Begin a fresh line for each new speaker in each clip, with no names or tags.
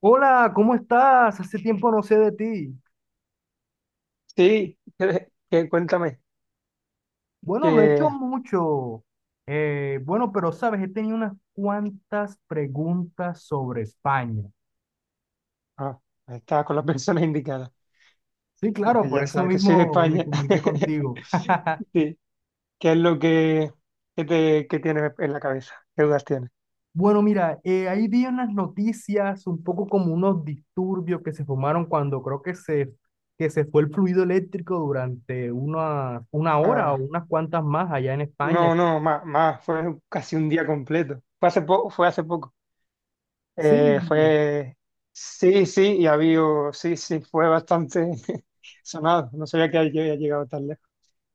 Hola, ¿cómo estás? Hace tiempo no sé de ti.
Sí, que cuéntame
Bueno, no he hecho
que
mucho. Bueno, pero sabes, he tenido unas cuantas preguntas sobre España.
ah, estaba con las personas indicadas,
Sí, claro,
porque
por
ya
eso
sabes que soy de
mismo me
España.
comuniqué contigo.
Sí, ¿qué es lo que tienes en la cabeza? ¿Qué dudas tienes?
Bueno, mira, ahí vi unas noticias, un poco como unos disturbios que se formaron cuando creo que se fue el fluido eléctrico durante una hora o
Ah,
unas cuantas más allá en España.
no, no, más, más, fue casi un día completo. Fue hace poco, fue hace poco.
Sí,
Fue, sí, sí, y había, sí, sí, fue bastante sonado. No sabía que había llegado tan lejos.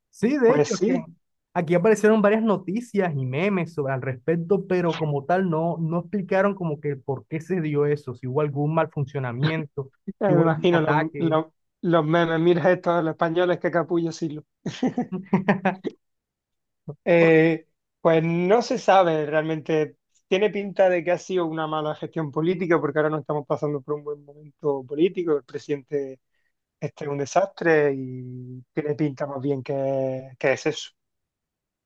sí, de
Pues
hecho, que
sí.
aquí aparecieron varias noticias y memes sobre al respecto, pero como tal no, no explicaron como que por qué se dio eso, si hubo algún mal funcionamiento, si
Me
hubo algún
imagino los,
ataque.
los, los memes, mira estos, los españoles, que capullo Silo. Eh, pues no se sabe realmente. Tiene pinta de que ha sido una mala gestión política, porque ahora no estamos pasando por un buen momento político. El presidente este es un desastre y tiene pinta más bien que es eso.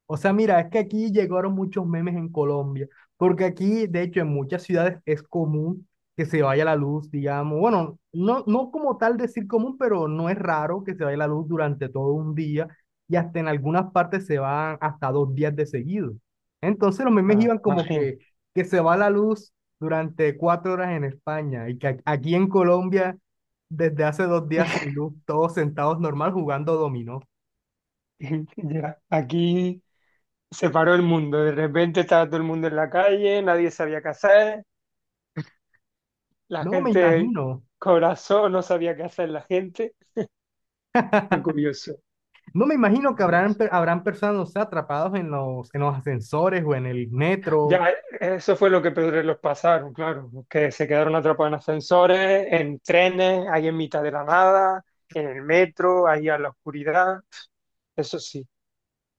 O sea, mira, es que aquí llegaron muchos memes en Colombia, porque aquí, de hecho, en muchas ciudades es común que se vaya la luz, digamos, bueno, no, no como tal decir común, pero no es raro que se vaya la luz durante todo un día y hasta en algunas partes se van hasta 2 días de seguido. Entonces los memes
Ah,
iban como
imagino.
que se va la luz durante 4 horas en España y que aquí en Colombia, desde hace 2 días sin luz, todos sentados normal jugando dominó.
Ya, aquí se paró el mundo. De repente estaba todo el mundo en la calle, nadie sabía qué hacer. La
No me
gente,
imagino.
corazón, no sabía qué hacer la gente. Fue curioso,
No me imagino que habrán,
curioso.
habrán personas, no sé, atrapados en los ascensores o en el metro.
Ya, eso fue lo que peores los pasaron, claro, que se quedaron atrapados en ascensores, en trenes, ahí en mitad de la nada, en el metro, ahí a la oscuridad. Eso sí,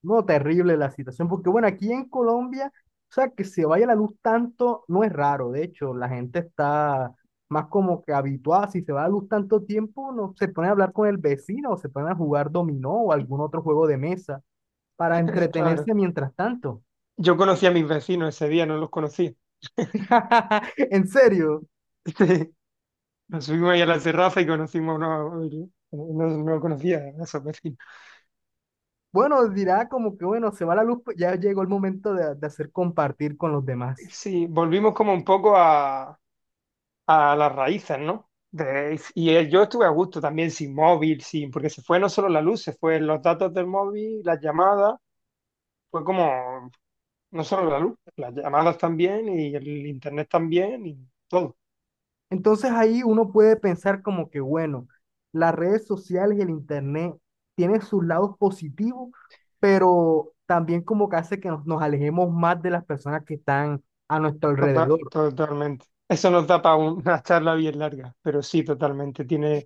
No, terrible la situación, porque bueno, aquí en Colombia, o sea, que se vaya la luz tanto no es raro. De hecho, la gente está más como que habituada. Si se va la luz tanto tiempo, no se pone a hablar con el vecino o se pone a jugar dominó o algún otro juego de mesa para
claro.
entretenerse mientras tanto.
Yo conocí a mis vecinos ese día, no los conocía.
En serio.
Nos subimos ahí a la terraza y conocimos a uno, no, no conocía a esos vecinos.
Bueno, dirá como que bueno, se va la luz, pues ya llegó el momento de hacer compartir con los demás.
Sí, volvimos como un poco a las raíces, ¿no? Y yo estuve a gusto también sin móvil, sin, porque se fue no solo la luz, se fue los datos del móvil, las llamadas, fue como, no solo la luz, las llamadas también y el internet también y todo.
Entonces ahí uno puede pensar como que, bueno, las redes sociales y el internet tienen sus lados positivos, pero también como que hace que nos alejemos más de las personas que están a nuestro
Tota-
alrededor.
totalmente. Eso nos da para una charla bien larga, pero sí, totalmente. Tiene,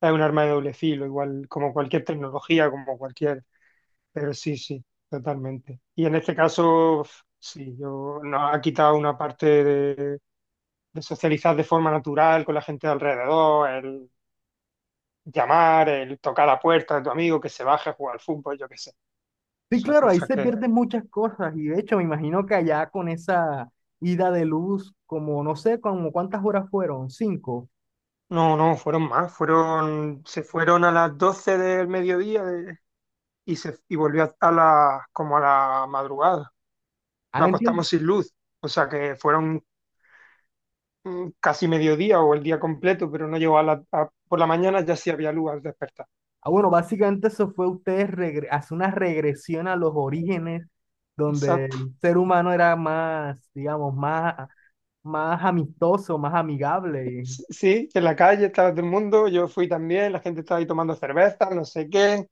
es un arma de doble filo, igual como cualquier tecnología, como cualquier, pero sí, sí, totalmente. Y en este caso, sí, yo, nos ha quitado una parte de socializar de forma natural con la gente de alrededor, el llamar, el tocar la puerta de tu amigo, que se baje a jugar al fútbol, yo qué sé.
Sí,
Esas
claro, ahí
cosas
se
que.
pierden muchas cosas y de hecho me imagino que allá con esa ida de luz, como no sé, como cuántas horas fueron, 5.
No, no, fueron más. Fueron, se fueron a las 12 del mediodía y volvió como a la madrugada.
Ah,
Nos
entiendo.
acostamos sin luz. O sea que fueron casi mediodía o el día completo, pero no llegó. Por la mañana ya sí había luz al despertar.
Ah, bueno, básicamente eso fue ustedes hacer una regresión a los orígenes donde
Esa
el ser humano era más, digamos, más amistoso, más amigable.
Sí, en la calle estaba todo el mundo, yo fui también, la gente estaba ahí tomando cerveza, no sé qué.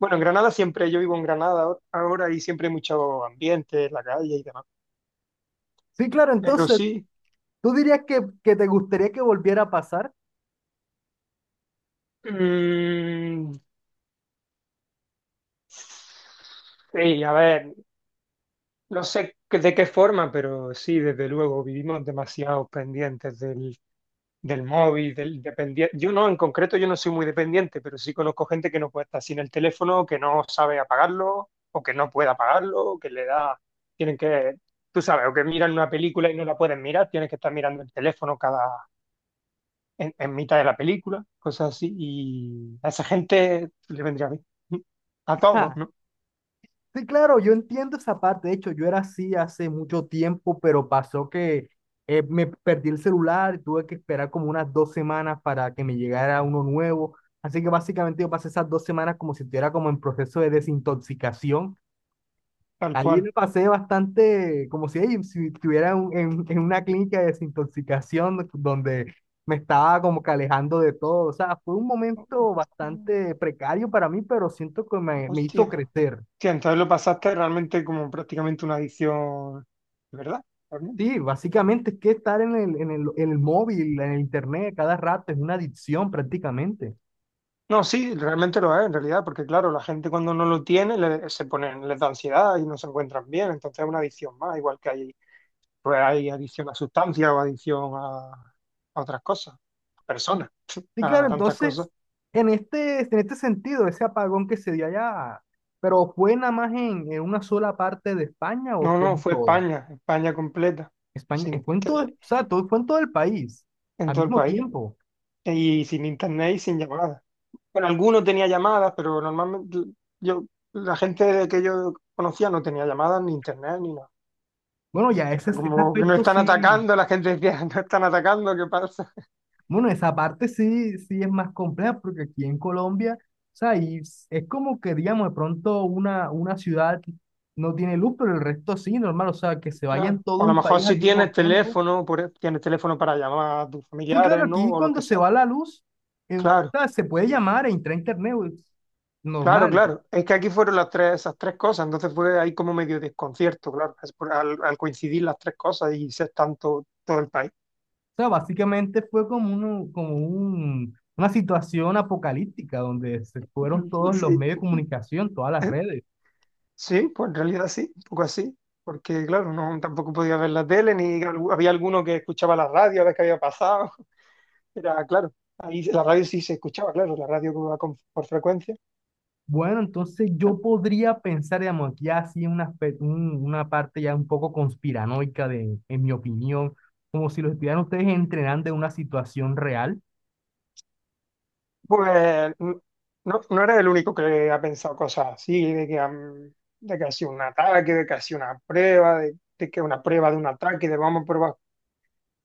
Bueno, en Granada siempre, yo vivo en Granada ahora ahora y siempre hay mucho ambiente en la calle y demás.
Sí, claro,
Pero
entonces,
sí,
¿tú dirías que te gustaría que volviera a pasar?
mm, sí, a ver, no sé de qué forma, pero sí, desde luego, vivimos demasiado pendientes del móvil, del dependiente. Yo no, en concreto, yo no soy muy dependiente, pero sí conozco gente que no puede estar sin el teléfono, que no sabe apagarlo, o que no puede apagarlo, o que le da, tienen que, tú sabes, o que miran una película y no la pueden mirar, tienes que estar mirando el teléfono cada, en mitad de la película, cosas así, y a esa gente le vendría bien. A todos,
Ja,
¿no?
sí, claro, yo entiendo esa parte. De hecho, yo era así hace mucho tiempo, pero pasó que me perdí el celular y tuve que esperar como unas 2 semanas para que me llegara uno nuevo. Así que básicamente yo pasé esas 2 semanas como si estuviera como en proceso de desintoxicación.
Tal
Ahí
cual.
me pasé bastante, como si, ey, si estuviera en una clínica de desintoxicación donde me estaba como que alejando de todo. O sea, fue un momento
Hostia,
bastante precario para mí, pero siento que me
hostia.
hizo crecer.
Hostia, entonces lo pasaste realmente como prácticamente una adicción, ¿verdad?
Sí, básicamente es que estar en el móvil, en el internet cada rato es una adicción prácticamente.
No, sí, realmente lo es en realidad, porque claro, la gente cuando no lo tiene se ponen, les da ansiedad y no se encuentran bien, entonces es una adicción más, igual que hay, pues hay adicción a sustancias o adicción a otras cosas, a personas,
Sí,
a
claro,
tantas cosas.
entonces, en este sentido, ese apagón que se dio allá, ¿pero fue nada más en una sola parte de España o
No,
fue
no,
en
fue
toda?
España, España completa,
España,
sin
fue en todo, o
tele,
sea, todo, fue en todo el país,
en
al
todo el
mismo
país,
tiempo.
y sin internet y sin llamadas. Bueno, algunos tenía llamadas, pero normalmente yo, la gente que yo conocía no tenía llamadas ni internet ni nada.
Bueno, ya ese,
Sea,
ese
como que no
aspecto
están
sí,
atacando, la gente decía, no están atacando, ¿qué pasa?
bueno, esa parte sí, sí es más compleja, porque aquí en Colombia, o sea, y es como que, digamos, de pronto una ciudad no tiene luz, pero el resto sí, normal, o sea, que se vaya en
Claro.
todo
O a lo
un
mejor
país al
si
mismo
tienes
tiempo.
teléfono, tienes teléfono para llamar a tus
Sí, claro,
familiares, ¿no?
aquí
O lo
cuando
que
se
sea.
va la luz, o
Claro,
sea, se puede llamar e entrar a internet, es
claro,
normal.
claro. Es que aquí fueron las tres, esas tres cosas, entonces fue ahí como medio desconcierto, claro, es al coincidir las tres cosas y ser tanto todo el país.
Sea, básicamente fue como, como una situación apocalíptica donde se fueron todos los
Sí,
medios de comunicación, todas las
eh,
redes.
sí, pues en realidad sí, un poco así. Porque claro, no tampoco podía ver la tele, ni había alguno que escuchaba la radio a ver qué había pasado. Era, claro, ahí la radio sí se escuchaba, claro, la radio que va por frecuencia.
Bueno, entonces yo podría pensar, digamos, aquí así un una parte ya un poco conspiranoica de, en mi opinión, como si los estuvieran ustedes entrenando en una situación real.
Pues n- no eres el único que ha pensado cosas así, de que, de que ha sido un ataque, de que ha sido una prueba, de que una prueba de un ataque, de vamos a probar,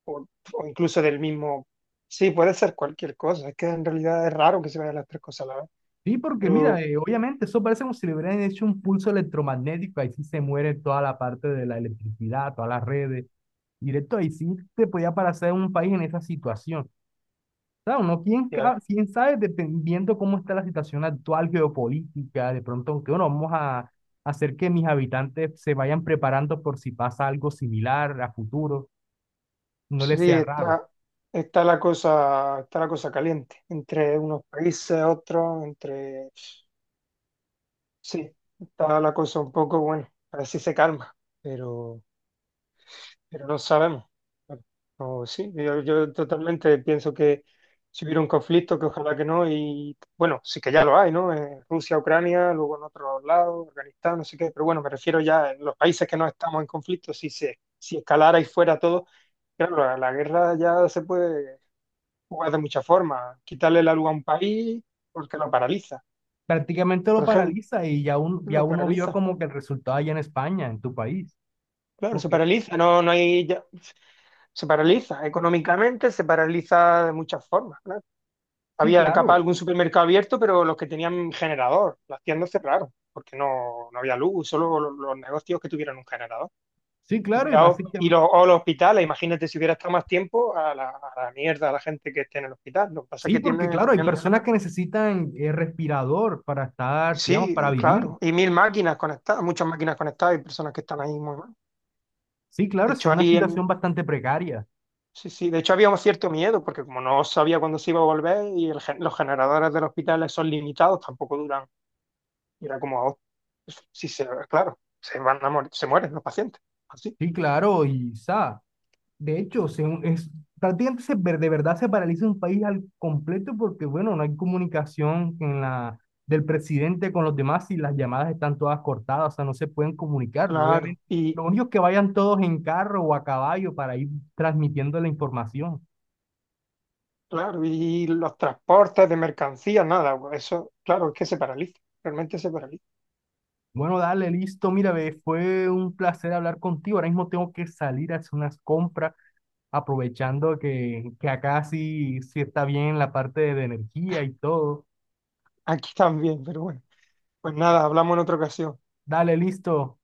o, o incluso del mismo. Sí, puede ser cualquier cosa, es que en realidad es raro que se vayan las tres cosas a la vez.
Sí, porque mira,
Pero
obviamente eso parece como si le hubieran hecho un pulso electromagnético, ahí sí se muere toda la parte de la electricidad, todas las redes, directo ahí sí te podía parecer un país en esa situación. Claro, no, quién,
ya,
quién sabe, dependiendo cómo está la situación actual geopolítica, de pronto, aunque bueno, vamos a hacer que mis habitantes se vayan preparando por si pasa algo similar a futuro, no
sí,
les sea raro.
está la cosa caliente entre unos países, otros, entre. Sí, está la cosa un poco, bueno, a ver si se calma, pero, pero no sabemos. Bueno, no, sí, yo totalmente pienso que si hubiera un conflicto, que ojalá que no, y bueno, sí que ya lo hay, ¿no? En Rusia, Ucrania, luego en otros lados, Afganistán, no sé qué, pero bueno, me refiero ya en los países que no estamos en conflicto, si escalara y fuera todo, claro, la guerra ya se puede jugar de muchas formas, quitarle la luz a un país porque lo paraliza,
Prácticamente
por
lo
ejemplo,
paraliza y ya, ya
lo
uno vio
paraliza.
como que el resultado allá en España, en tu país.
Claro,
Como
se
que,
paraliza, no hay, se paraliza económicamente, se paraliza de muchas formas, claro.
sí,
Había capaz
claro,
algún supermercado abierto, pero los que tenían generador, las tiendas cerraron, porque no había luz, solo los negocios que tuvieran un generador.
sí, claro, y
Cuidado, y
básicamente,
o los hospitales, imagínate si hubiera estado más tiempo a la mierda, a la gente que esté en el hospital. Lo que pasa es
sí,
que
porque
tienen,
claro, hay
tenían un
personas
generador.
que necesitan respirador para estar, digamos,
Sí,
para vivir.
claro, y mil máquinas conectadas, muchas máquinas conectadas y personas que están ahí muy mal.
Sí, claro,
De
es
hecho,
una
ahí en,
situación bastante precaria.
sí, sí, de hecho había un cierto miedo, porque como no sabía cuándo se iba a volver y los generadores del hospital son limitados, tampoco duran. Y era como, oh, si se, claro, se van a morir, se mueren los pacientes. Así,
Sí, claro, y sa. De hecho, prácticamente de verdad se paraliza un país al completo porque, bueno, no hay comunicación en la, del presidente con los demás y las llamadas están todas cortadas, o sea, no se pueden comunicar,
claro.
obviamente.
Y
Lo único es que vayan todos en carro o a caballo para ir transmitiendo la información.
claro, y los transportes de mercancías, nada, eso, claro, es que se paraliza, realmente se paraliza.
Bueno, dale, listo. Mira, ve, fue un placer hablar contigo. Ahora mismo tengo que salir a hacer unas compras, aprovechando que acá sí, sí está bien la parte de energía y todo.
Aquí también, pero bueno. Pues nada, hablamos en otra ocasión.
Dale, listo.